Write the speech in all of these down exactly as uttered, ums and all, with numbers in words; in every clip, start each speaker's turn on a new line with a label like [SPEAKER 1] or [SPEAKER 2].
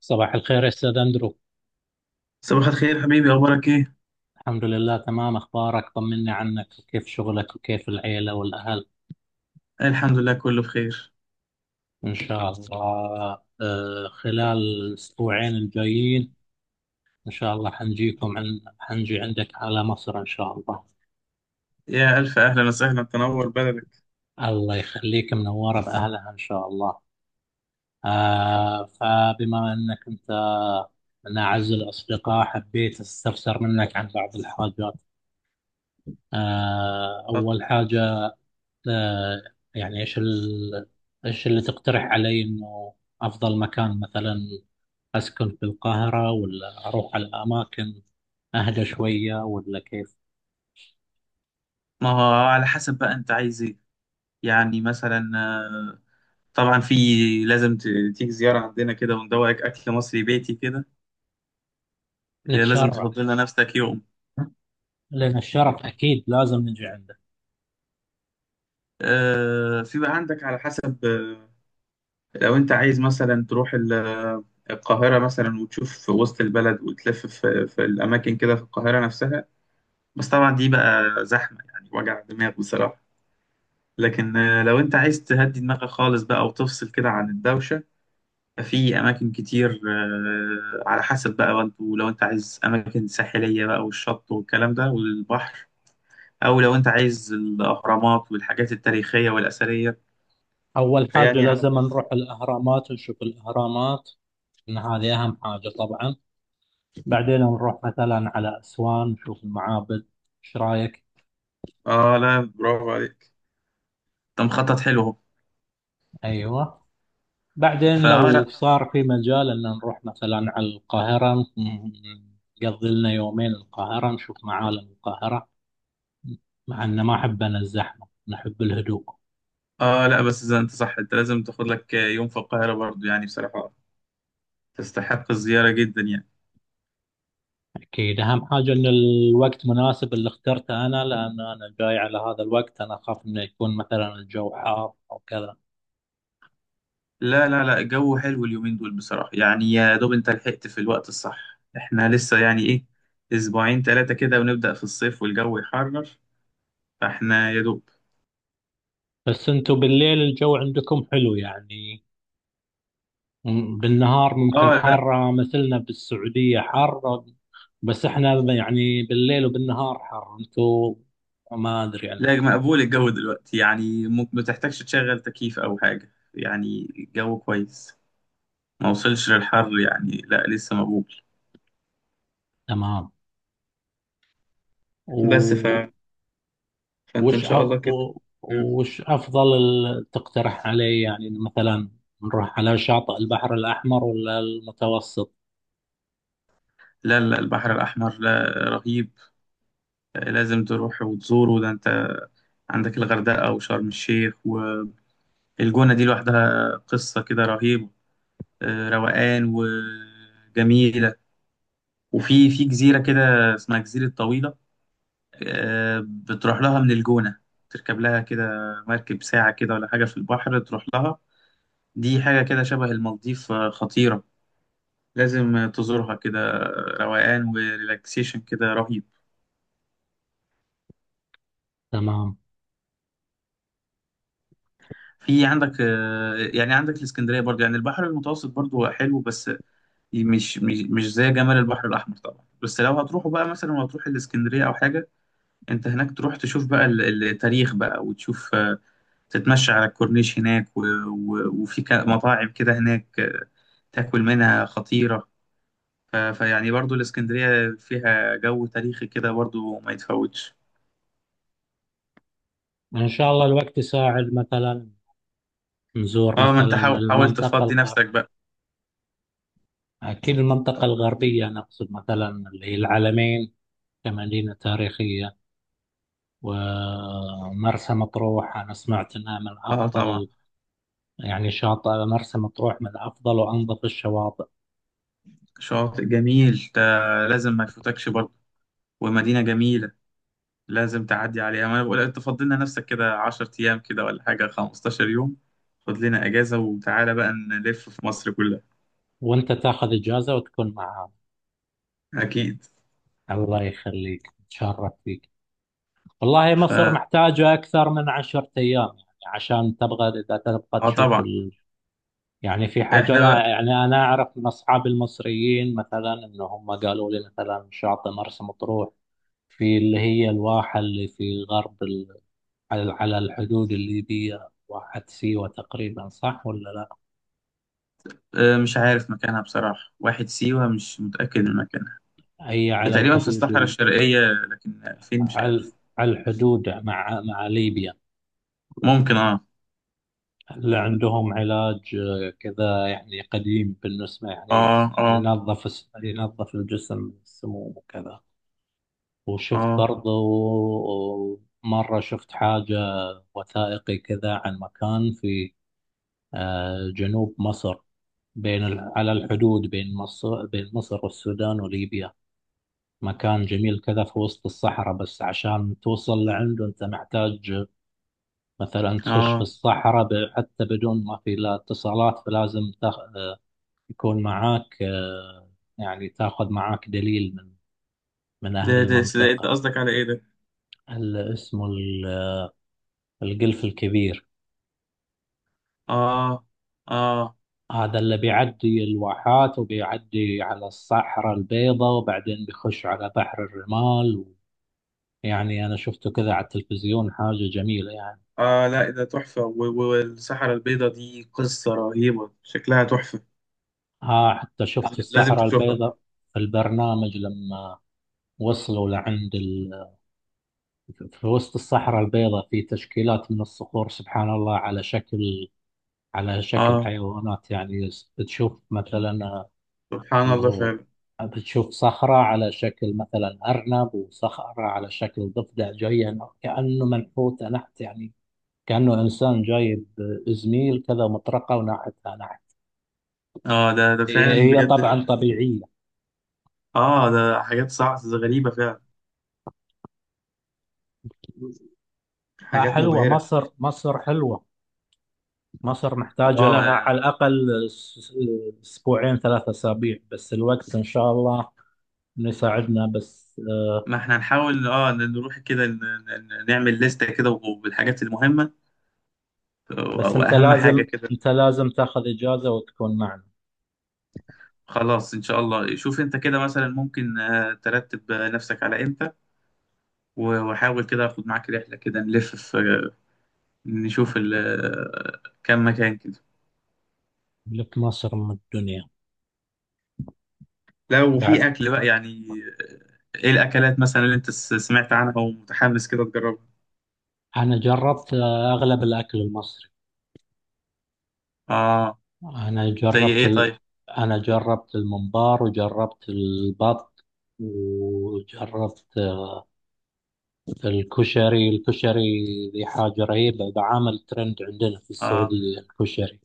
[SPEAKER 1] صباح الخير يا أستاذ أندرو.
[SPEAKER 2] صباح الخير حبيبي، أخبارك إيه؟
[SPEAKER 1] الحمد لله تمام، أخبارك؟ طمني عنك وكيف شغلك وكيف العيلة والأهل.
[SPEAKER 2] الحمد لله كله بخير.
[SPEAKER 1] إن شاء الله. آه، خلال الأسبوعين الجايين إن شاء الله حنجيكم عن حنجي عندك على مصر إن شاء الله.
[SPEAKER 2] يا ألف أهلا وسهلا، تنور بلدك.
[SPEAKER 1] الله يخليك منورة بأهلها إن شاء الله. آه، فبما أنك أنت من أعز الأصدقاء حبيت أستفسر منك عن بعض الحاجات. آه،
[SPEAKER 2] طب
[SPEAKER 1] أول حاجة. آه، يعني ايش ال... ايش اللي تقترح علي انه افضل مكان مثلا، اسكن في القاهرة ولا اروح على اماكن اهدى شوية ولا كيف؟
[SPEAKER 2] ما هو على حسب بقى أنت عايز إيه. يعني مثلا آه، طبعا في لازم ت- تيجي زيارة عندنا كده وندوقك أكل مصري بيتي كده. يا لازم
[SPEAKER 1] نتشرف.
[SPEAKER 2] تفضل لنا نفسك يوم.
[SPEAKER 1] لان الشرف اكيد لازم نجي عنده.
[SPEAKER 2] آه، في بقى عندك على حسب. آه، لو أنت عايز مثلا تروح ال- آه، القاهرة مثلا وتشوف في وسط البلد وتلف في في الأماكن كده في القاهرة نفسها. بس طبعا دي بقى زحمة، يعني وجع دماغ بصراحة. لكن آه، لو انت عايز تهدي دماغك خالص بقى وتفصل كده عن الدوشة. ففي أماكن كتير آه، على حسب بقى، وانتوا لو انت عايز أماكن ساحلية بقى والشط والكلام ده والبحر، أو لو انت عايز الأهرامات والحاجات التاريخية والأثرية.
[SPEAKER 1] اول حاجة
[SPEAKER 2] فيعني على
[SPEAKER 1] لازم
[SPEAKER 2] حسب.
[SPEAKER 1] نروح الاهرامات ونشوف الاهرامات. ان هذه اهم حاجة طبعا. بعدين نروح مثلا على اسوان نشوف المعابد. ايش رايك؟
[SPEAKER 2] اه لا، برافو عليك. انت مخطط حلو اهو.
[SPEAKER 1] ايوه. بعدين
[SPEAKER 2] فاه
[SPEAKER 1] لو
[SPEAKER 2] لا.
[SPEAKER 1] صار في مجال ان نروح مثلا على القاهرة م- نقضي لنا يومين القاهرة نشوف معالم القاهرة. مع ان ما احب انا الزحمة نحب الهدوء.
[SPEAKER 2] اه لا، بس إذا انت صح انت لازم تاخد لك آه، يوم في القاهرة برضو، يعني بصراحة تستحق الزيارة جدا يعني.
[SPEAKER 1] اكيد اهم حاجة ان الوقت مناسب اللي اخترته انا، لان انا جاي على هذا الوقت انا اخاف انه يكون مثلا الجو حار او كذا.
[SPEAKER 2] لا لا لا، الجو حلو اليومين دول بصراحة، يعني يا دوب انت لحقت في الوقت الصح. احنا لسه يعني ايه اسبوعين ثلاثة كده ونبدأ في الصيف والجو يحرر. فاحنا يا دوب.
[SPEAKER 1] بس انتوا بالليل الجو عندكم حلو يعني. مم، بالنهار ممكن
[SPEAKER 2] اه لا.
[SPEAKER 1] حارة مثلنا بالسعودية حر. بس احنا يعني بالليل وبالنهار حر انتوا، ما ادري
[SPEAKER 2] لا
[SPEAKER 1] عندكم.
[SPEAKER 2] مقبول الجو دلوقتي، يعني م- ما تحتاجش تشغل تكييف او حاجة، يعني الجو كويس. ما وصلش للحر يعني، لا لسه مقبول.
[SPEAKER 1] تمام.
[SPEAKER 2] بس ف...
[SPEAKER 1] و-
[SPEAKER 2] فانت ان
[SPEAKER 1] وش أ-
[SPEAKER 2] شاء الله كده.
[SPEAKER 1] و-
[SPEAKER 2] مم.
[SPEAKER 1] وش افضل ال- تقترح علي يعني مثلا، نروح على شاطئ البحر الاحمر ولا المتوسط؟
[SPEAKER 2] لا لا، البحر الأحمر، لا. رهيب. لازم تروح وتزوره. ده انت عندك الغردقة وشرم الشيخ. الجونة دي لوحدها قصة كده رهيبة. آه، روقان وجميلة. وفي في جزيرة كده اسمها جزيرة طويلة. آه، بتروح لها من الجونة، تركب لها كده مركب ساعة كده ولا حاجة في البحر تروح لها. دي حاجة كده شبه المالديف، آه، خطيرة. لازم تزورها كده. آه، روقان وريلاكسيشن كده رهيب.
[SPEAKER 1] تمام.
[SPEAKER 2] في عندك آه، يعني عندك الاسكندرية برضو، يعني البحر المتوسط برضو حلو بس مش مش مش زي جمال البحر الأحمر طبعا. بس لو هتروحوا بقى مثلا وهتروح الإسكندرية أو حاجة، أنت هناك تروح تشوف بقى ال- التاريخ بقى، وتشوف آه، تتمشى على الكورنيش هناك و- و- وفي ك- مطاعم كده هناك، آه، تاكل منها خطيرة. ف- فيعني برضو الإسكندرية فيها جو تاريخي كده برضو ما يتفوتش.
[SPEAKER 1] ان شاء الله الوقت يساعد مثلا نزور
[SPEAKER 2] اه ما انت
[SPEAKER 1] مثلا
[SPEAKER 2] حاول حاول
[SPEAKER 1] المنطقة
[SPEAKER 2] تفضي
[SPEAKER 1] الغرب.
[SPEAKER 2] نفسك بقى.
[SPEAKER 1] اكيد المنطقة الغربية نقصد مثلا اللي هي العلمين كمدينة تاريخية، ومرسى مطروح أنا سمعت أنها من
[SPEAKER 2] اه طبعا.
[SPEAKER 1] أفضل. يعني شاطئ مرسى مطروح من أفضل وأنظف الشواطئ.
[SPEAKER 2] شاطئ جميل ده، لازم ما يفوتكش برضو. ومدينة جميلة، لازم تعدي عليها. ما انا بقول انت فضل لنا نفسك كده عشرة ايام كده ولا حاجه خمستاشر يوم. خد لنا اجازه وتعالى بقى نلف في مصر كلها.
[SPEAKER 1] وأنت تاخذ إجازة وتكون معاهم.
[SPEAKER 2] اكيد.
[SPEAKER 1] الله يخليك نتشرف فيك. والله
[SPEAKER 2] ف
[SPEAKER 1] مصر محتاجة أكثر من عشرة أيام يعني عشان تبغى إذا تبغى
[SPEAKER 2] اه
[SPEAKER 1] تشوف
[SPEAKER 2] طبعا.
[SPEAKER 1] ال... يعني في حاجة
[SPEAKER 2] احنا بقى
[SPEAKER 1] لا يعني أنا أعرف من أصحاب المصريين مثلا إن هم قالوا لي مثلا شاطئ مرسى مطروح. في اللي هي الواحة اللي في غرب، على على الحدود الليبية، واحد سيوة تقريبا صح ولا لا؟
[SPEAKER 2] آه، مش عارف مكانها بصراحه، واحد سيوه مش متاكد من مكانها.
[SPEAKER 1] هي
[SPEAKER 2] هي
[SPEAKER 1] على
[SPEAKER 2] تقريبا في
[SPEAKER 1] الحدود
[SPEAKER 2] الصحراء
[SPEAKER 1] ال...
[SPEAKER 2] الشرقيه لكن فين مش
[SPEAKER 1] على
[SPEAKER 2] عارف.
[SPEAKER 1] على الحدود مع مع ليبيا.
[SPEAKER 2] ممكن اه.
[SPEAKER 1] اللي عندهم علاج آه، كذا يعني قديم بالنسبة يعني.
[SPEAKER 2] اه اه
[SPEAKER 1] ينظف الس- ينظف الجسم من السموم وكذا. وشفت
[SPEAKER 2] اه
[SPEAKER 1] برضو مرة شفت حاجة وثائقي كذا عن مكان في آه، جنوب مصر. بين ال- على الحدود بين مصر بين مصر والسودان وليبيا. مكان جميل كذا في وسط الصحراء، بس عشان توصل لعنده أنت محتاج مثلا تخش في
[SPEAKER 2] اه.
[SPEAKER 1] الصحراء ب- حتى بدون ما في لا اتصالات فلازم تخ... يكون معاك آه، يعني تاخذ معاك دليل من من أهل
[SPEAKER 2] ده ده ده انت
[SPEAKER 1] المنطقة.
[SPEAKER 2] قصدك على ايه ده؟
[SPEAKER 1] ال- اسمه ال- القلف الكبير.
[SPEAKER 2] اه اه.
[SPEAKER 1] هذا اللي بيعدي الواحات وبيعدي على الصحراء البيضاء وبعدين بيخش على بحر الرمال. يعني أنا شفته كذا على التلفزيون، حاجة جميلة يعني.
[SPEAKER 2] اه لا، ده تحفه. و- و- والصحراء البيضاء دي قصه رهيبه، شكلها تحفه.
[SPEAKER 1] ها حتى شفت في
[SPEAKER 2] لازم
[SPEAKER 1] الصحراء
[SPEAKER 2] تشوفها.
[SPEAKER 1] البيضاء في البرنامج لما وصلوا لعند ال... في وسط الصحراء البيضاء في تشكيلات من الصخور، سبحان الله على شكل على شكل
[SPEAKER 2] اه.
[SPEAKER 1] حيوانات يعني. تشوف مثلا
[SPEAKER 2] سبحان
[SPEAKER 1] اللي
[SPEAKER 2] الله
[SPEAKER 1] هو
[SPEAKER 2] فعلا.
[SPEAKER 1] بتشوف صخرة على شكل مثلا أرنب، وصخرة على شكل ضفدع، جاية كأنه منحوتة نحت يعني. كأنه إنسان جايب زميل كذا مطرقة وناحتها نحت.
[SPEAKER 2] اه ده ده
[SPEAKER 1] هي
[SPEAKER 2] فعلا
[SPEAKER 1] هي
[SPEAKER 2] بجد.
[SPEAKER 1] طبعا طبيعية.
[SPEAKER 2] اه ده حاجات صعبة غريبة فعلا،
[SPEAKER 1] لا
[SPEAKER 2] حاجات
[SPEAKER 1] حلوة،
[SPEAKER 2] مبهرة.
[SPEAKER 1] مصر مصر حلوة. مصر محتاجة
[SPEAKER 2] اه
[SPEAKER 1] لها
[SPEAKER 2] يعني
[SPEAKER 1] على الأقل س- س- أسبوعين ثلاثة أسابيع، بس الوقت إن شاء الله إنه يساعدنا بس.
[SPEAKER 2] ما احنا هنحاول اه نروح كده ن- ن- نعمل لستة كده بالحاجات المهمة. آه،
[SPEAKER 1] بس أنت
[SPEAKER 2] واهم حاجة
[SPEAKER 1] لازم
[SPEAKER 2] كده.
[SPEAKER 1] أنت لازم تاخذ إجازة وتكون معنا.
[SPEAKER 2] خلاص ان شاء الله، شوف انت كده مثلا ممكن آه، ترتب آه، نفسك على امتى، و- وحاول كده اخد معاك رحلة كده نلف في، نشوف ال- آه، كام مكان كده.
[SPEAKER 1] لك مصر من الدنيا،
[SPEAKER 2] لو
[SPEAKER 1] بعد.
[SPEAKER 2] في اكل بقى يعني، ايه الاكلات مثلا اللي انت س- سمعت عنها ومتحمس كده تجربها.
[SPEAKER 1] أنا جربت آه، أغلب الأكل المصري.
[SPEAKER 2] اه
[SPEAKER 1] أنا
[SPEAKER 2] زي
[SPEAKER 1] جربت
[SPEAKER 2] ايه
[SPEAKER 1] ال...
[SPEAKER 2] طيب.
[SPEAKER 1] أنا جربت الممبار وجربت البط وجربت الكشري، الكشري ذي حاجة رهيبة، بعامل ترند عندنا في
[SPEAKER 2] اه
[SPEAKER 1] السعودية الكشري.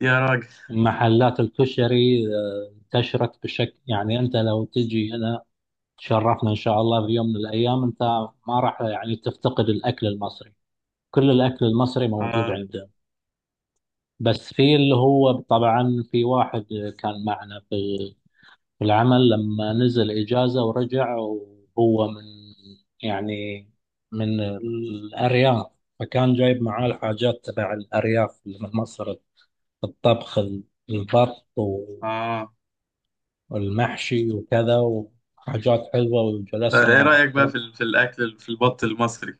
[SPEAKER 2] يا راجل.
[SPEAKER 1] محلات الكشري آه، انتشرت بشكل يعني، انت لو تجي هنا تشرفنا ان شاء الله في يوم من الايام، انت ما راح يعني تفتقد الاكل المصري، كل الاكل المصري موجود
[SPEAKER 2] اه
[SPEAKER 1] عندنا. بس في اللي هو طبعا في واحد كان معنا في في العمل لما نزل اجازة ورجع، وهو من يعني من الارياف، فكان جايب معاه الحاجات تبع الارياف اللي من مصر، الطبخ البط
[SPEAKER 2] اه.
[SPEAKER 1] والمحشي وكذا، وحاجات حلوة
[SPEAKER 2] طيب ايه
[SPEAKER 1] وجلسنا
[SPEAKER 2] رايك بقى
[SPEAKER 1] كذا.
[SPEAKER 2] في ال- في الاكل في البط المصري؟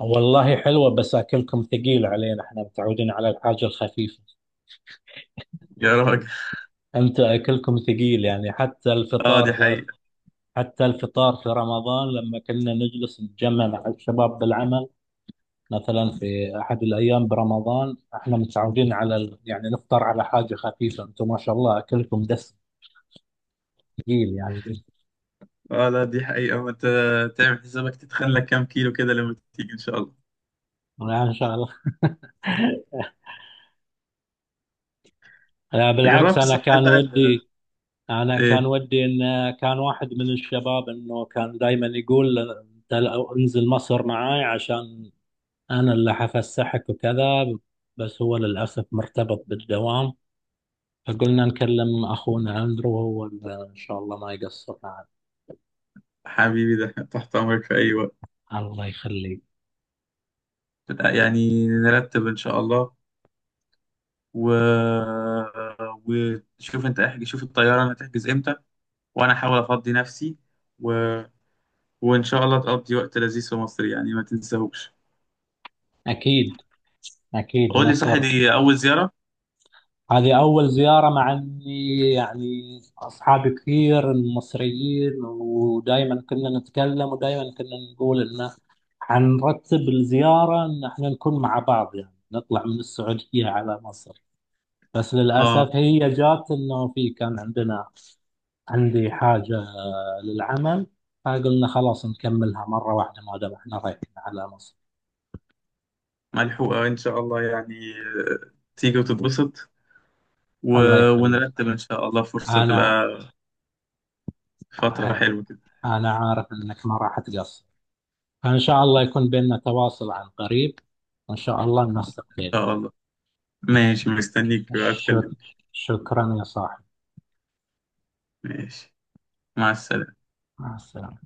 [SPEAKER 1] والله حلوة بس أكلكم ثقيل علينا، احنا متعودين على الحاجة الخفيفة.
[SPEAKER 2] يا راجل.
[SPEAKER 1] أنت أكلكم ثقيل يعني، حتى
[SPEAKER 2] اه
[SPEAKER 1] الفطار
[SPEAKER 2] دي
[SPEAKER 1] في
[SPEAKER 2] حقيقه.
[SPEAKER 1] حتى الفطار في رمضان لما كنا نجلس نتجمع مع الشباب بالعمل، مثلا في أحد الأيام برمضان احنا متعودين على ال... يعني نفطر على حاجة خفيفة، أنتم ما شاء الله أكلكم دسم ثقيل يعني.
[SPEAKER 2] اه لا دي حقيقه. ما انت تعمل حسابك تتخلى كام كيلو كده لما تيجي ان شاء الله.
[SPEAKER 1] لا إن شاء الله. لا بالعكس،
[SPEAKER 2] جربت
[SPEAKER 1] أنا
[SPEAKER 2] صح
[SPEAKER 1] كان
[SPEAKER 2] بقى ال-
[SPEAKER 1] ودي انا كان
[SPEAKER 2] ايه.
[SPEAKER 1] ودي ان كان واحد من الشباب انه كان دائما يقول انت لو انزل مصر معاي عشان انا اللي حفسحك وكذا، بس هو للاسف مرتبط بالدوام، فقلنا نكلم اخونا اندرو وهو اللي ان شاء الله ما يقصر معنا.
[SPEAKER 2] حبيبي، ده تحت امرك في اي وقت.
[SPEAKER 1] الله يخليك.
[SPEAKER 2] يعني نرتب ان شاء الله و... وشوف انت احجز، شوف الطياره انا هتحجز امتى، وانا احاول افضي نفسي و... وان شاء الله تقضي وقت لذيذ في مصر يعني ما تنساهوش.
[SPEAKER 1] اكيد، اكيد
[SPEAKER 2] قول لي، صح
[SPEAKER 1] مصر،
[SPEAKER 2] دي اول زياره؟
[SPEAKER 1] هذه أول زيارة، مع إني يعني أصحابي كثير مصريين ودائما كنا نتكلم ودائما كنا نقول إنه حنرتب الزيارة إن إحنا نكون مع بعض، يعني نطلع من السعودية على مصر، بس للأسف
[SPEAKER 2] اه
[SPEAKER 1] هي جات إنه في كان عندنا عندي حاجة للعمل، فقلنا خلاص نكملها مرة واحدة ما دام إحنا رايحين على مصر.
[SPEAKER 2] ملحوقه ان شاء الله يعني، آه، تيجي وتتبسط و...
[SPEAKER 1] الله يخليك.
[SPEAKER 2] ونرتب ان شاء الله فرصه
[SPEAKER 1] أنا
[SPEAKER 2] تبقى فتره حلوه كده.
[SPEAKER 1] أنا عارف إنك ما راح تقصر، فإن شاء الله يكون بيننا تواصل عن قريب، وإن شاء الله ننسق
[SPEAKER 2] ان
[SPEAKER 1] بيننا.
[SPEAKER 2] شاء الله. ماشي، مستنيك بقى،
[SPEAKER 1] شك...
[SPEAKER 2] اتكلم.
[SPEAKER 1] شكرا يا صاحبي.
[SPEAKER 2] ماشي، مع السلامه.
[SPEAKER 1] مع السلامة.